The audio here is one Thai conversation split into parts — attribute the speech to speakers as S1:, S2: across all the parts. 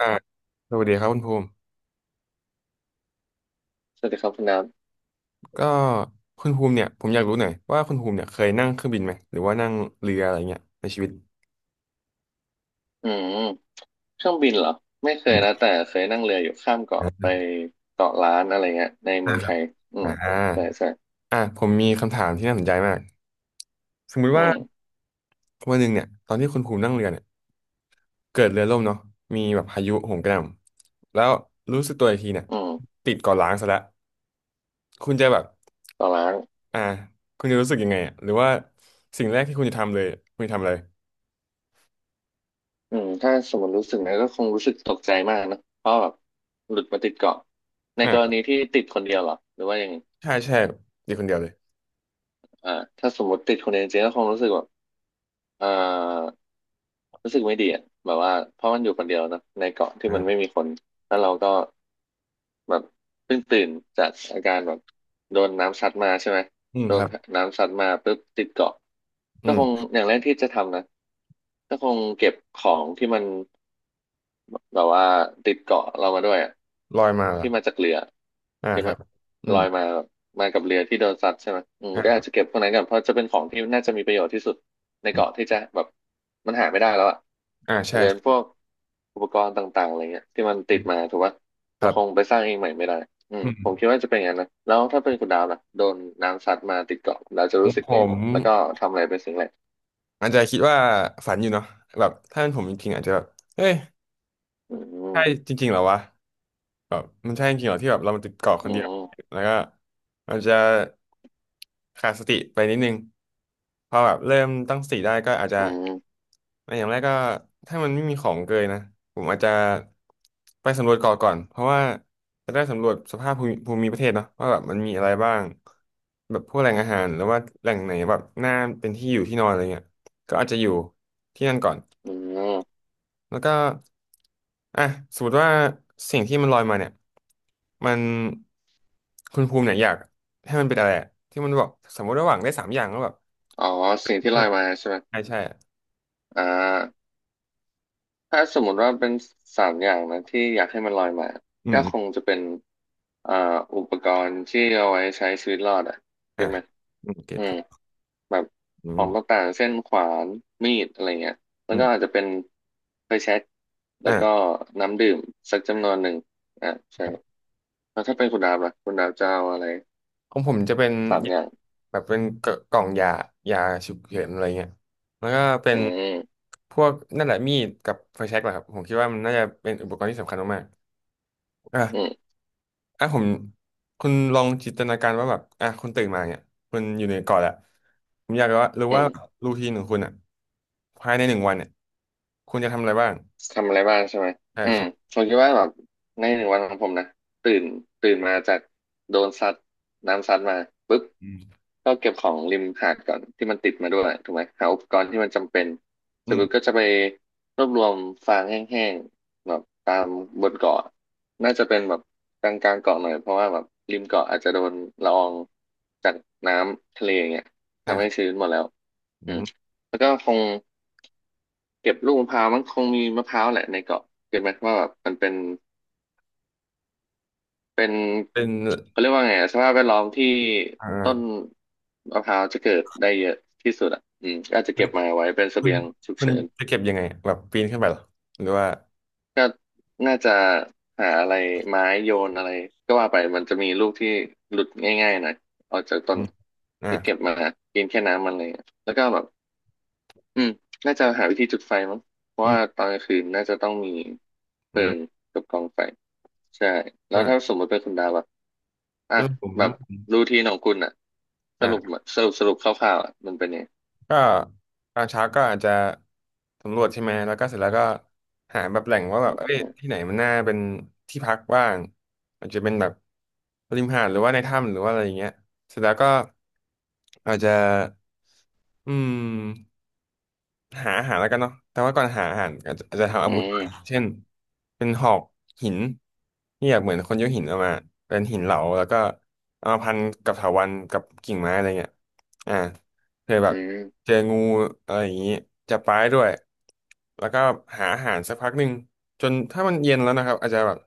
S1: อ่าสวัสดีครับคุณภูมิ
S2: สวัสดีครับคุณน้
S1: ก็คุณภูมิเนี่ยผมอยากรู้หน่อยว่าคุณภูมิเนี่ยเคยนั่งเครื่องบินไหมหรือว่านั่งเรืออะไรเงี้ยในชีวิต
S2: ำมเครื่องบินเหรอไม่เค
S1: อื
S2: ยนะ
S1: ม
S2: แต่เคยนั่งเรืออยู่ข้ามเกาะไป
S1: อ
S2: เกาะล้านอะไรเงี้ยในเมื
S1: ่า
S2: อง
S1: ค
S2: ไท
S1: รับ
S2: ยอื
S1: อ่
S2: มใช่
S1: า
S2: ใช่
S1: อ่าผมมีคำถามที่น่าสนใจมากสมมุติ
S2: อื
S1: ว่า
S2: ม
S1: วันหนึ่งเนี่ยตอนที่คุณภูมินั่งเรือเนี่ยเกิดเรือล่มเนาะมีแบบพายุโหมกระหน่ำแล้วรู้สึกตัวอีกทีเนี่ย
S2: อืม
S1: ติดเกาะล้างซะแล้วคุณจะแบบ
S2: เกาะล้าน
S1: อ่าคุณจะรู้สึกยังไงอ่ะหรือว่าสิ่งแรกที่คุณจะทำเลยคุณจะทำอะไร
S2: อืมถ้าสมมติรู้สึกนะก็คงรู้สึกตกใจมากนะเพราะแบบหลุดมาติดเกาะใน
S1: อ่า
S2: กรณีที่ติดคนเดียวเหรอหรือว่ายังไง
S1: ใช่ใช่อยู่คนเดียวเลย
S2: อ่าถ้าสมมติติดคนเดียวจริงๆก็คงรู้สึกแบบอ่ารู้สึกไม่ดีอ่ะแบบว่าเพราะมันอยู่คนเดียวนะในเกาะที่มันไม่
S1: อ่า
S2: มีคนแล้วเราก็ แบบเพิ่งตื่นจากอาการแบบโดนน้ำซัดมาใช่ไหม
S1: อืม
S2: โด
S1: ค
S2: น
S1: รับ
S2: น้ำซัดมาปุ๊บติดเกาะก็คงอย่างแรกที่จะทำนะก็คงเก็บของที่มันแบบว่าติดเกาะเรามาด้วยอะ
S1: ลอยมาเหรอ
S2: ที่มาจากเรือ
S1: อ่า
S2: เก็บ
S1: ครั
S2: มา
S1: บอื
S2: ล
S1: ม
S2: อยมาแบบมากับเรือที่โดนซัดใช่ไหม
S1: อ่า
S2: ก็
S1: ค
S2: อา
S1: รั
S2: จ
S1: บ
S2: จะเก็บพวกนั้นก่อนเพราะจะเป็นของที่น่าจะมีประโยชน์ที่สุดใน
S1: อืม
S2: เกาะที่จะแบบมันหาไม่ได้แล้วอ่ะ
S1: อ่า
S2: อา
S1: ใช่
S2: จจะเป็นพ
S1: ใช่
S2: วกอุปกรณ์ต่างๆอะไรเงี้ยที่มัน
S1: อื
S2: ติด
S1: ม
S2: มาถูกปะ
S1: ค
S2: เรา
S1: รับ
S2: คงไปสร้างเองใหม่ไม่ได้อืม
S1: อืม
S2: ผมคิดว่าจะเป็นอย่างนั้นนะแล้วถ้าเป็นคุณดาวล่ะโดนน้ำซัดมาติดเกาะแล้วจะ
S1: ผ
S2: รู้สึกไง
S1: ม
S2: แล้วก็ทำอะไรเป็นสิ่งแรก
S1: อาจจะคิดว่าฝันอยู่เนาะแบบถ้าเป็นผมจริงๆอาจจะแบบเฮ้ย
S2: อื
S1: ใช่
S2: ม
S1: จริงๆเหรอวะ แบบมันใช่จริงเหรอที่แบบเรามันติดเกาะค
S2: อื
S1: นเดียว
S2: ม
S1: แล้วก็มันจะขาดสติไปนิดนึงพอแบบเริ่มตั้งสติได้ก็อาจจะ
S2: อืม
S1: อย่างแรกก็ถ้ามันไม่มีของเกยนะผมอาจจะไปสำรวจเกาะก่อนเพราะว่าจะได้สำรวจสภาพภูมิประเทศเนาะว่าแบบมันมีอะไรบ้างแบบพวกแหล่งอาหารหรือว่าแหล่งไหนแบบน่าเป็นที่อยู่ที่นอนอะไรเงี้ยก็อาจจะอยู่ที่นั่นก่อน
S2: อืม
S1: แล้วก็อ่ะสมมติว่าสิ่งที่มันลอยมาเนี่ยมันคุณภูมิเนี่ยอยากให้มันเป็นอะไรอะที่มันบอกสมมติระหว่าหวังได้สามอย่างแล้วแบบ
S2: อ๋อสิ่งที่ล
S1: มั
S2: อ
S1: น
S2: ยมาใช่ไหม
S1: ใช่ใช่อะ
S2: อ่า ถ้าสมมติว่าเป็นสามอย่างนะที่อยากให้มันลอยมา
S1: อืม
S2: ก็
S1: อม
S2: คงจะเป็นอ่าอุปกรณ์ที่เอาไว้ใช้ชีวิตรอดอ่ะ
S1: อ่ะ
S2: เก็ตไหม
S1: อืมเก็ต
S2: อืม
S1: เก็ต
S2: แบบ
S1: อื
S2: ของ
S1: ม
S2: ต่างๆเช่นขวานมีดอะไรเงี้ยแล้ว
S1: อื
S2: ก็
S1: ม
S2: อาจจะเป็นไฟแช็กแล้วก็
S1: อ่ะ
S2: น้ำดื่มสักจำนวนหนึ่งอ่าใช่
S1: ครับ
S2: แล้วถ้าเป็นคุณดาบล่ะคุณดาบจะเอาอะไร
S1: ของผมจะเป็น
S2: สาม
S1: ยา
S2: อย่าง
S1: แบบเป็นกล่องยายาฉุกเฉินอะไรเงี้ยแล้วก็เป็
S2: อื
S1: น
S2: ม
S1: พวกนั่นแหละมีดกับไฟแช็กแหละครับผมคิดว่ามันน่าจะเป็นอุปกรณ์ที่สำคัญมากๆอ่ะ
S2: อืม
S1: อ่ะคุณลองจินตนาการว่าแบบอ่ะคุณตื่นมาเนี่ยคุณอยู่ในเกาะแหละผมอยากรู้ว่า
S2: อืม
S1: รูทีนของคุณอ่ะภายในหนึ่งวันเนี่ยคุณจะทำอะไรบ้าง
S2: ทำอะไรบ้างใช่ไหม
S1: ใช่
S2: อืม
S1: ใช่
S2: ผมคิดว่าแบบในหนึ่งวันของผมนะตื่นตื่นมาจากโดนซัดน้ำซัดมาปุ๊บ
S1: อืม
S2: ก็เก็บของริมหาดก่อนที่มันติดมาด้วยถูกไหมหาอุปกรณ์ที่มันจำเป็นเส
S1: อื
S2: ร็จปุ๊บก็
S1: ม
S2: จะไปรวบรวมฟางแห้งๆแบบตามบนเกาะน่าจะเป็นแบบกลางๆเกาะหน่อยเพราะว่าแบบริมเกาะอาจจะโดนละอองจากน้ำทะเลอย่างเงี้ย
S1: นะ
S2: ทำ
S1: ค
S2: ให้
S1: รับ
S2: ชื้นหมดแล้วอื
S1: อื
S2: ม
S1: ม
S2: แล้วก็คง เก็บลูกมะพร้าวมันคงมีมะพร้าวแหละในเกาะเก็ตไหมว่าแบบมันเป็นเป็น
S1: เป็น
S2: เขาเรียกว่าไงอะสภาพแวดล้อมที่
S1: อ่
S2: ต้น
S1: า
S2: มะพร้าวจะเกิดได้เยอะที่สุดอ่ะก็อาจจะเก็บมาไว้เป็นเส
S1: คุณ
S2: บียงฉุก
S1: คุณ
S2: เฉิน
S1: จะเก็บยังไงแบบปีนขึ้นไปเหรอหรือว่า
S2: ก็น่าจะหาอะไรไม้โยนอะไรก็ว่าไปมันจะมีลูกที่หลุดง่ายๆหน่อยออกจากต้
S1: อื
S2: น
S1: มอ่า
S2: ที่
S1: ค
S2: เก็
S1: รั
S2: บ
S1: บ
S2: มากินแค่น้ำมันอะไรอย่างเลยแล้วก็แบบอืมน่าจะหาวิธีจุดไฟมั้งเพราะ
S1: อืม
S2: ว่าตอนกลางคืนน่าจะต้องมีเพ
S1: อื
S2: ลิง
S1: ม
S2: กับกองไฟ ใช่แล้วถ้า
S1: อ่า
S2: สมมติเป็นคุณดาวอะอ่ะ
S1: เรื่องผม
S2: แบบรูทีนของคุณอะสรุป
S1: อ่า
S2: สรุปคร่าวๆอะมันเป็นยังไง
S1: ก็ตอนเช้าก็อาจจะสำรวจใช่ไหม แล้วก็เสร็จแล้วก็หาแบบแหล่งว่าแบบเอ้ยที่ไหนมันน่าเป็นที่พักบ้างอาจจะเป็นแบบริมหาดหรือว่าในถ้ำหรือว่าอะไรอย่างเงี้ยเสร็จแล้วก็อาจจะอืม หาอาหารแล้วกันเนาะแต่ว่าก่อนหาอาหารอาจจะทำอา
S2: อื
S1: วุธก่อ
S2: ม
S1: นเช่นเป็นหอกหินที่แบบเหมือนคนยกหินออกมาเป็นหินเหลาแล้วก็เอามาพันกับเถาวัลย์กับกิ่งไม้อะไรเงี้ยอ่าเคยแบ
S2: อื
S1: บ
S2: ม
S1: เจองูอะไรอย่างงี้จับปลาได้ด้วยแล้วก็หาอาหารสักพักหนึ่งจนถ้ามันเย็นแล้วนะครับอาจจะแบบ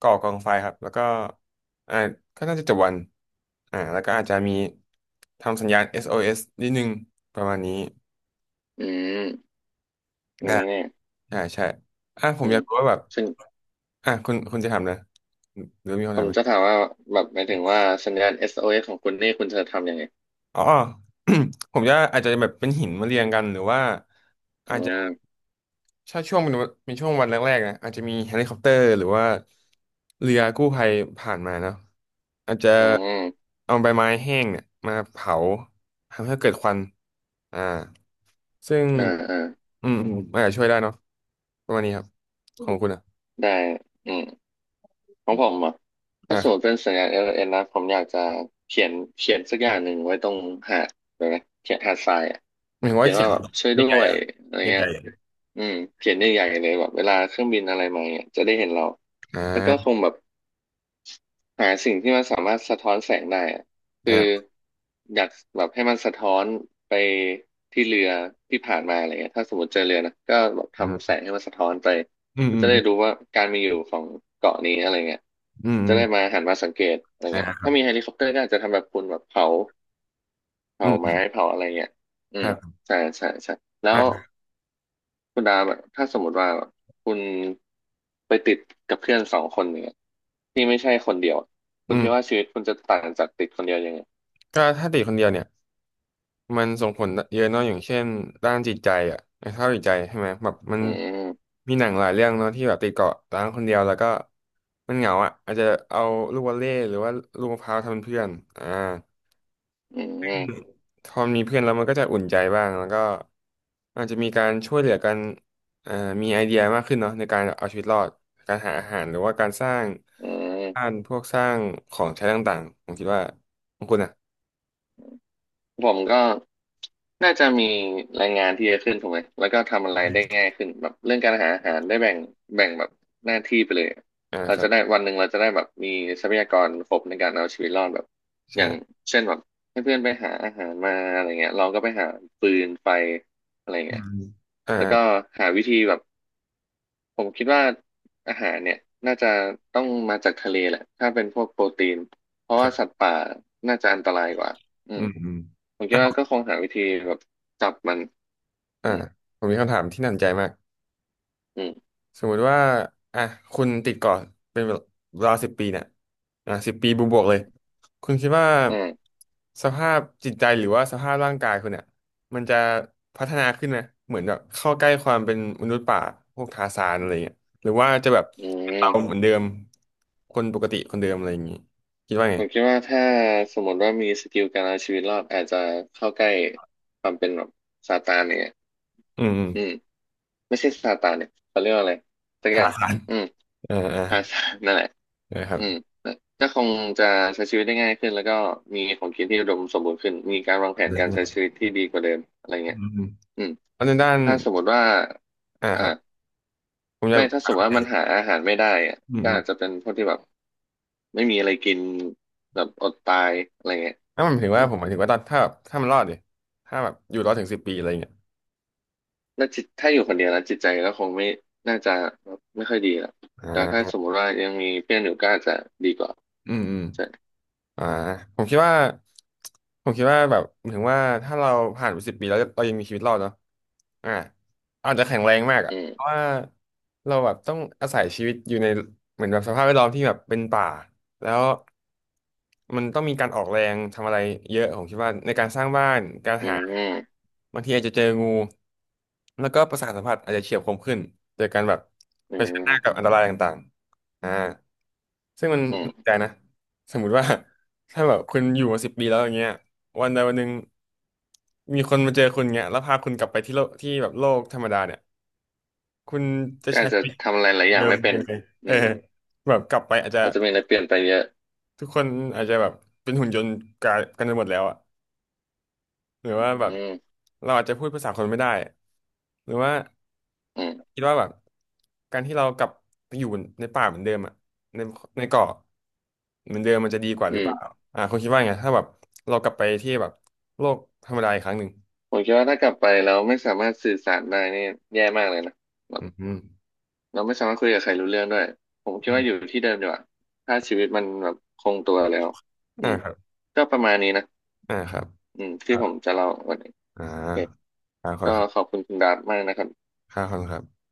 S1: ก่อกองไฟครับแล้วก็อ่าก็น่าจะจบวันอ่าแล้วก็อาจจะมีทำสัญญาณเอสโอเอสนิดนึงประมาณนี้
S2: อืมนี่เนี่ย
S1: อ่าใช่อ่ะผ
S2: อื
S1: มอ
S2: ม
S1: ยากรู้ว่าแบบ
S2: ซึ่ง
S1: อ่ะคุณจะทำนะหรือมีคำ
S2: ผ
S1: ถาม
S2: ม
S1: ไหม
S2: จะถามว่าแบบหมายถึงว่าสัญญาณ SOS ของคุณนี่คุณจะทำยังไง
S1: อ๋อ ผมจะอาจจะแบบเป็นหินมาเรียงกันหรือว่า
S2: อื
S1: อาจจะ
S2: ม
S1: ถ้าช่วงเป็นช่วงวันแรกๆนะอาจจะมีเฮลิคอปเตอร์หรือว่าเรือกู้ภัยผ่านมาเนาะอาจจะ
S2: อืม
S1: เอาใบไม้แห้งเนี่ยมาเผาทำให้เกิดควันอ่าซึ่ง
S2: อ่าอ่า
S1: อืมอืมอาจจะช่วยได้เนาะประมาณนี้ครับของคุณอ่ะ
S2: ได้อืม ของผมอ่ะ
S1: อ่า
S2: ถ้าส
S1: ค
S2: ม
S1: รั
S2: มติ
S1: บ
S2: เป็นสัญญาณ LLN นนะผมอยากจะเขียนสักอย่างหนึ่งไว้ตรงหาดเลยนะเขียนหาดทรายอ่ะ
S1: หมายถึง
S2: เขี
S1: ว่า
S2: ยน
S1: เข็
S2: ว่า
S1: ม
S2: แบบช่วยด้
S1: ใหญ่
S2: ว
S1: ๆ
S2: ย
S1: อ่ะ
S2: อะไร
S1: ให
S2: เงี้ย
S1: ญ่
S2: อืมเขียนใหญ่ๆเลยแบบเวลาเครื่องบินอะไรมาเนี่ยจะได้เห็นเรา
S1: อ่
S2: แล้วก็ค
S1: า
S2: งแบบ หาสิ่งที่มันสามารถสะท้อนแสงได้อะ
S1: อ่
S2: คือ
S1: า
S2: อยากแบบให้มันสะท้อนไปที่เรือที่ผ่านมาอะไรเงี้ยถ้าสมมติเจอเรือนะก็แบบทำแสงให้มันสะท้อนไป
S1: อืม
S2: ก็
S1: อื
S2: จะ
S1: ม
S2: ได้รู้ว่าการมีอยู่ของเกาะนี้อะไรเงี้ย
S1: อืมอื
S2: จะ
S1: ม
S2: ได้มาหันมาสังเกตอะไร
S1: อ่า
S2: เงี้ย
S1: ครั
S2: ถ้า
S1: บ
S2: มีเฮลิคอปเตอร์ก็อาจจะทำแบบคุณแบบเผา
S1: อื
S2: เผาไม้
S1: ม
S2: เผาอะไรเงี้ยอืม
S1: อ่า
S2: ใช่ใช่ใช่แล้ว
S1: อ่า
S2: คุณดาแบบถ้าสมมติว่าคุณไปติดกับเพื่อนสองคนเนี่ยที่ไม่ใช่คนเดียวคุ
S1: อื
S2: ณคิดว่า
S1: ม
S2: ชีวิตคุณจะต่างจากติดคนเดียวยังไง
S1: ก็ถ้าติดคนเดียวเนี่ยมันส่งผลเยอะเนาะอย่างเช่นด้านจิตใจอ่ะสภาพจิตใจใช่ไหมแบบมัน
S2: อืมอืม
S1: มีหนังหลายเรื่องเนาะที่แบบติดเกาะร้างคนเดียวแล้วก็มันเหงาอ่ะอาจจะเอาลูกวอลเลย์หรือว่าลูกมะพร้าวทำเป็นเพื่อนอ่า พอมีเพื่อนแล้วมันก็จะอุ่นใจบ้างแล้วก็อาจจะมีการช่วยเหลือกันเอ่อมีไอเดียมากขึ้นเนาะในการเอาชีวิตรอดการหาอาหารหรือว่าการสร้าง
S2: อื
S1: บ้าน
S2: ม
S1: พวกสร้างของใช้ต่างๆผมคิดว่าของคุณอ่ะ
S2: ผมก็ น่าจะมีรายงานที่เยอะขึ้นถูกไหมแล้วก็ทำอะไรได้ง่ายขึ้นแบบเรื่องการหาอาหารได้แบ่งแบบหน้าที่ไปเลยอะ
S1: อ่า
S2: เรา
S1: ครั
S2: จะ
S1: บ
S2: ได้วันหนึ่งเราจะได้แบบมีทรัพยากรครบในการเอาชีวิตรอดแบบอย่าง
S1: ใช่
S2: เช่นแบบให้เพื่อนไปหาอาหารมาอะไรเงี้ยเราก็ไปหาฟืนไฟอะไร
S1: อื
S2: เงี้ย
S1: มอ่า
S2: แล้วก็
S1: อ่า
S2: หาวิธีแบบ ผมคิดว่าอาหารเนี่ยน่าจะต้องมาจากทะเลแหละถ้าเป็นพวกโปรตีนเพราะ
S1: ค
S2: ว่า
S1: รั
S2: สัต
S1: บ
S2: ว์ป่าน่าจะอันตรายกว่าอื
S1: อื
S2: ม
S1: มอืม
S2: ผมคิดว่าก็คงหาวิธีแบบจับมัน
S1: อ่า
S2: อืม
S1: ผมมีคำถามที่น่าสนใจมาก
S2: อืม
S1: สมมุติว่าอ่ะคุณติดเกาะเป็นเวลาสิบปีเนี่ยอ่ะสิบปีบวกๆเลยคุณคิดว่า
S2: อืม
S1: สภาพจิตใจหรือว่าสภาพร่างกายคุณเนี่ยมันจะพัฒนาขึ้นไหมเหมือนแบบเข้าใกล้ความเป็นมนุษย์ป่าพวกทาร์ซานอะไรเงี้ยหรือว่าจะแบบ
S2: อื
S1: เราเห
S2: ม
S1: มือนเดิมคนปกติคนเดิมอะไรอย่างงี้คิดว่า
S2: ผ
S1: ไง
S2: มคิดว่าถ้าสมมติว่ามีสกิลการเอาชีวิตรอดอาจจะเข้าใกล้ความเป็นแบบซาตานเนี่ย
S1: อืมอืม
S2: อืมไม่ใช่ซาตานเนี่ยเขาเรียกว่าอะไรสักอ
S1: ทา
S2: ย่าง
S1: ร์ซาน
S2: อืม
S1: อ่าอ่า
S2: พาซานนั่นแหละ
S1: นะครั
S2: อืม
S1: บ
S2: ก็คงจะใช้ชีวิตได้ง่ายขึ้นแล้วก็มีของกินที่อุดมสมบูรณ์ขึ้นมีการวางแผ
S1: อื
S2: นการ
S1: ม
S2: ใช้ชีวิตที่ดีกว่าเดิมอะไร
S1: อื
S2: เงี้ย
S1: ม
S2: อืม
S1: แล้วในด้าน
S2: ถ้าสมมติว่า
S1: อ่า
S2: อ่า
S1: ครับผมอยา
S2: ไม่ถ้าส
S1: ก
S2: มมติว่ามันหาอาหารไม่ได้อะ
S1: โอื
S2: ก็
S1: ม
S2: อาจจะเป็นพวกที่แบบไม่มีอะไรกินแบบอดตายอะไรเงี้ย
S1: ถ้ามันถึง
S2: อื
S1: ว่า
S2: ม
S1: ผมหมายถึงว่าตอนถ้าแบบถ้ามันรอดดิถ้าแบบอยู่รอดถึงสิบปีอะไรอย่างเงี้ย
S2: แล้วจิตถ้าอยู่คนเดียวแล้วจิตใจก็คงไม่น่าจะไม่ค่อยดีหรอก
S1: อ่
S2: แต่ถ้า
S1: า
S2: สมมติว่ายังมีเพื่อนอยู่ก็อาจจะดีกว่า
S1: อืมอืม
S2: ใช่
S1: อ่าผมคิดว่าผมคิดว่าแบบถึงว่าถ้าเราผ่านไปสิบปีแล้วเรายังมีชีวิตรอดเนาะอ่าอาจจะแข็งแรงมากอ่ะ
S2: อื
S1: เพราะ
S2: ม
S1: ว่าเราแบบต้องอาศัยชีวิตอยู่ในเหมือนแบบสภาพแวดล้อมที่แบบเป็นป่าแล้วมันต้องมีการออกแรงทำอะไรเยอะผมคิดว่าในการสร้างบ้านการ
S2: อืม
S1: หา
S2: อื
S1: บางทีอาจจะเจองูแล้วก็ประสาทสัมผัสอาจจะเฉียบคมขึ้นเจอการแบบเผชิญหน้ากั
S2: ม
S1: บอันตรายต่างๆอ่าซึ่งมัน
S2: อื
S1: น่าสนใจ
S2: ม
S1: นะ สมมุติว่า ถ้าแบบคุณอยู่มา10 ปีแล้วอย่างเงี้ยวันใดวันหนึ่งมีคนมาเจอคุณเงี้ยแล้วพาคุณกลับไปที่โลกที่แบบโลกธรรมดาเนี่ยคุณจะ
S2: ก็
S1: ใช้
S2: อาจ
S1: ชี
S2: จะ
S1: วิต
S2: ทำอะไรหลายอย่า
S1: เดิ
S2: ง
S1: ม
S2: ไม่เป็น
S1: ยังไงเอ
S2: อื
S1: อ
S2: ม
S1: แบบกลับไปอาจจะ
S2: อาจจะมีอะไรเปลี่ยนไปเยอะ
S1: ทุกคนอาจจะแบบเป็นหุ่นยนต์กันไปหมดแล้วอะ หรือ
S2: อื
S1: ว่าแบบ
S2: ม
S1: เราอาจจะพูดภาษาคนไม่ได้หรือว่า
S2: อืม
S1: คิดว่าแบบการที่เรากลับไปอยู่ในป่าเหมือนเดิมอะในในเกาะเหมือนเดิมมันจะดีกว่าห
S2: อื
S1: รือเปล่า
S2: ม
S1: อ่าคุณคิดว่าไงถ้าแบบเรากลับไปที่แบบโลกธรรมดาอีกครั้งหนึ่ง
S2: ผมคิดว่าถ้ากลับไปแล้วไม่สามารถสื่อสารได้นี่แย่มากเลยนะแบ
S1: อื
S2: บ
S1: มอม
S2: เราไม่สามารถคุยกับใครรู้เรื่องด้วย ผมคิด
S1: อืม
S2: ว่าอยู่ที่เดิมดีกว่าถ้าชีวิตมันแบบคงตัวแล้วอื
S1: อ่า
S2: ม
S1: ครับ
S2: ก็ประมาณนี้นะ
S1: อ่าครับ
S2: อืมที่
S1: อ่า
S2: ผมจะเล่าวันนี้
S1: อ่
S2: โอเค
S1: าครับขอบ
S2: ก็
S1: คุณครับ
S2: ขอบคุณคุณดาร์ตมากนะครับ
S1: ครับขอบคุณครับ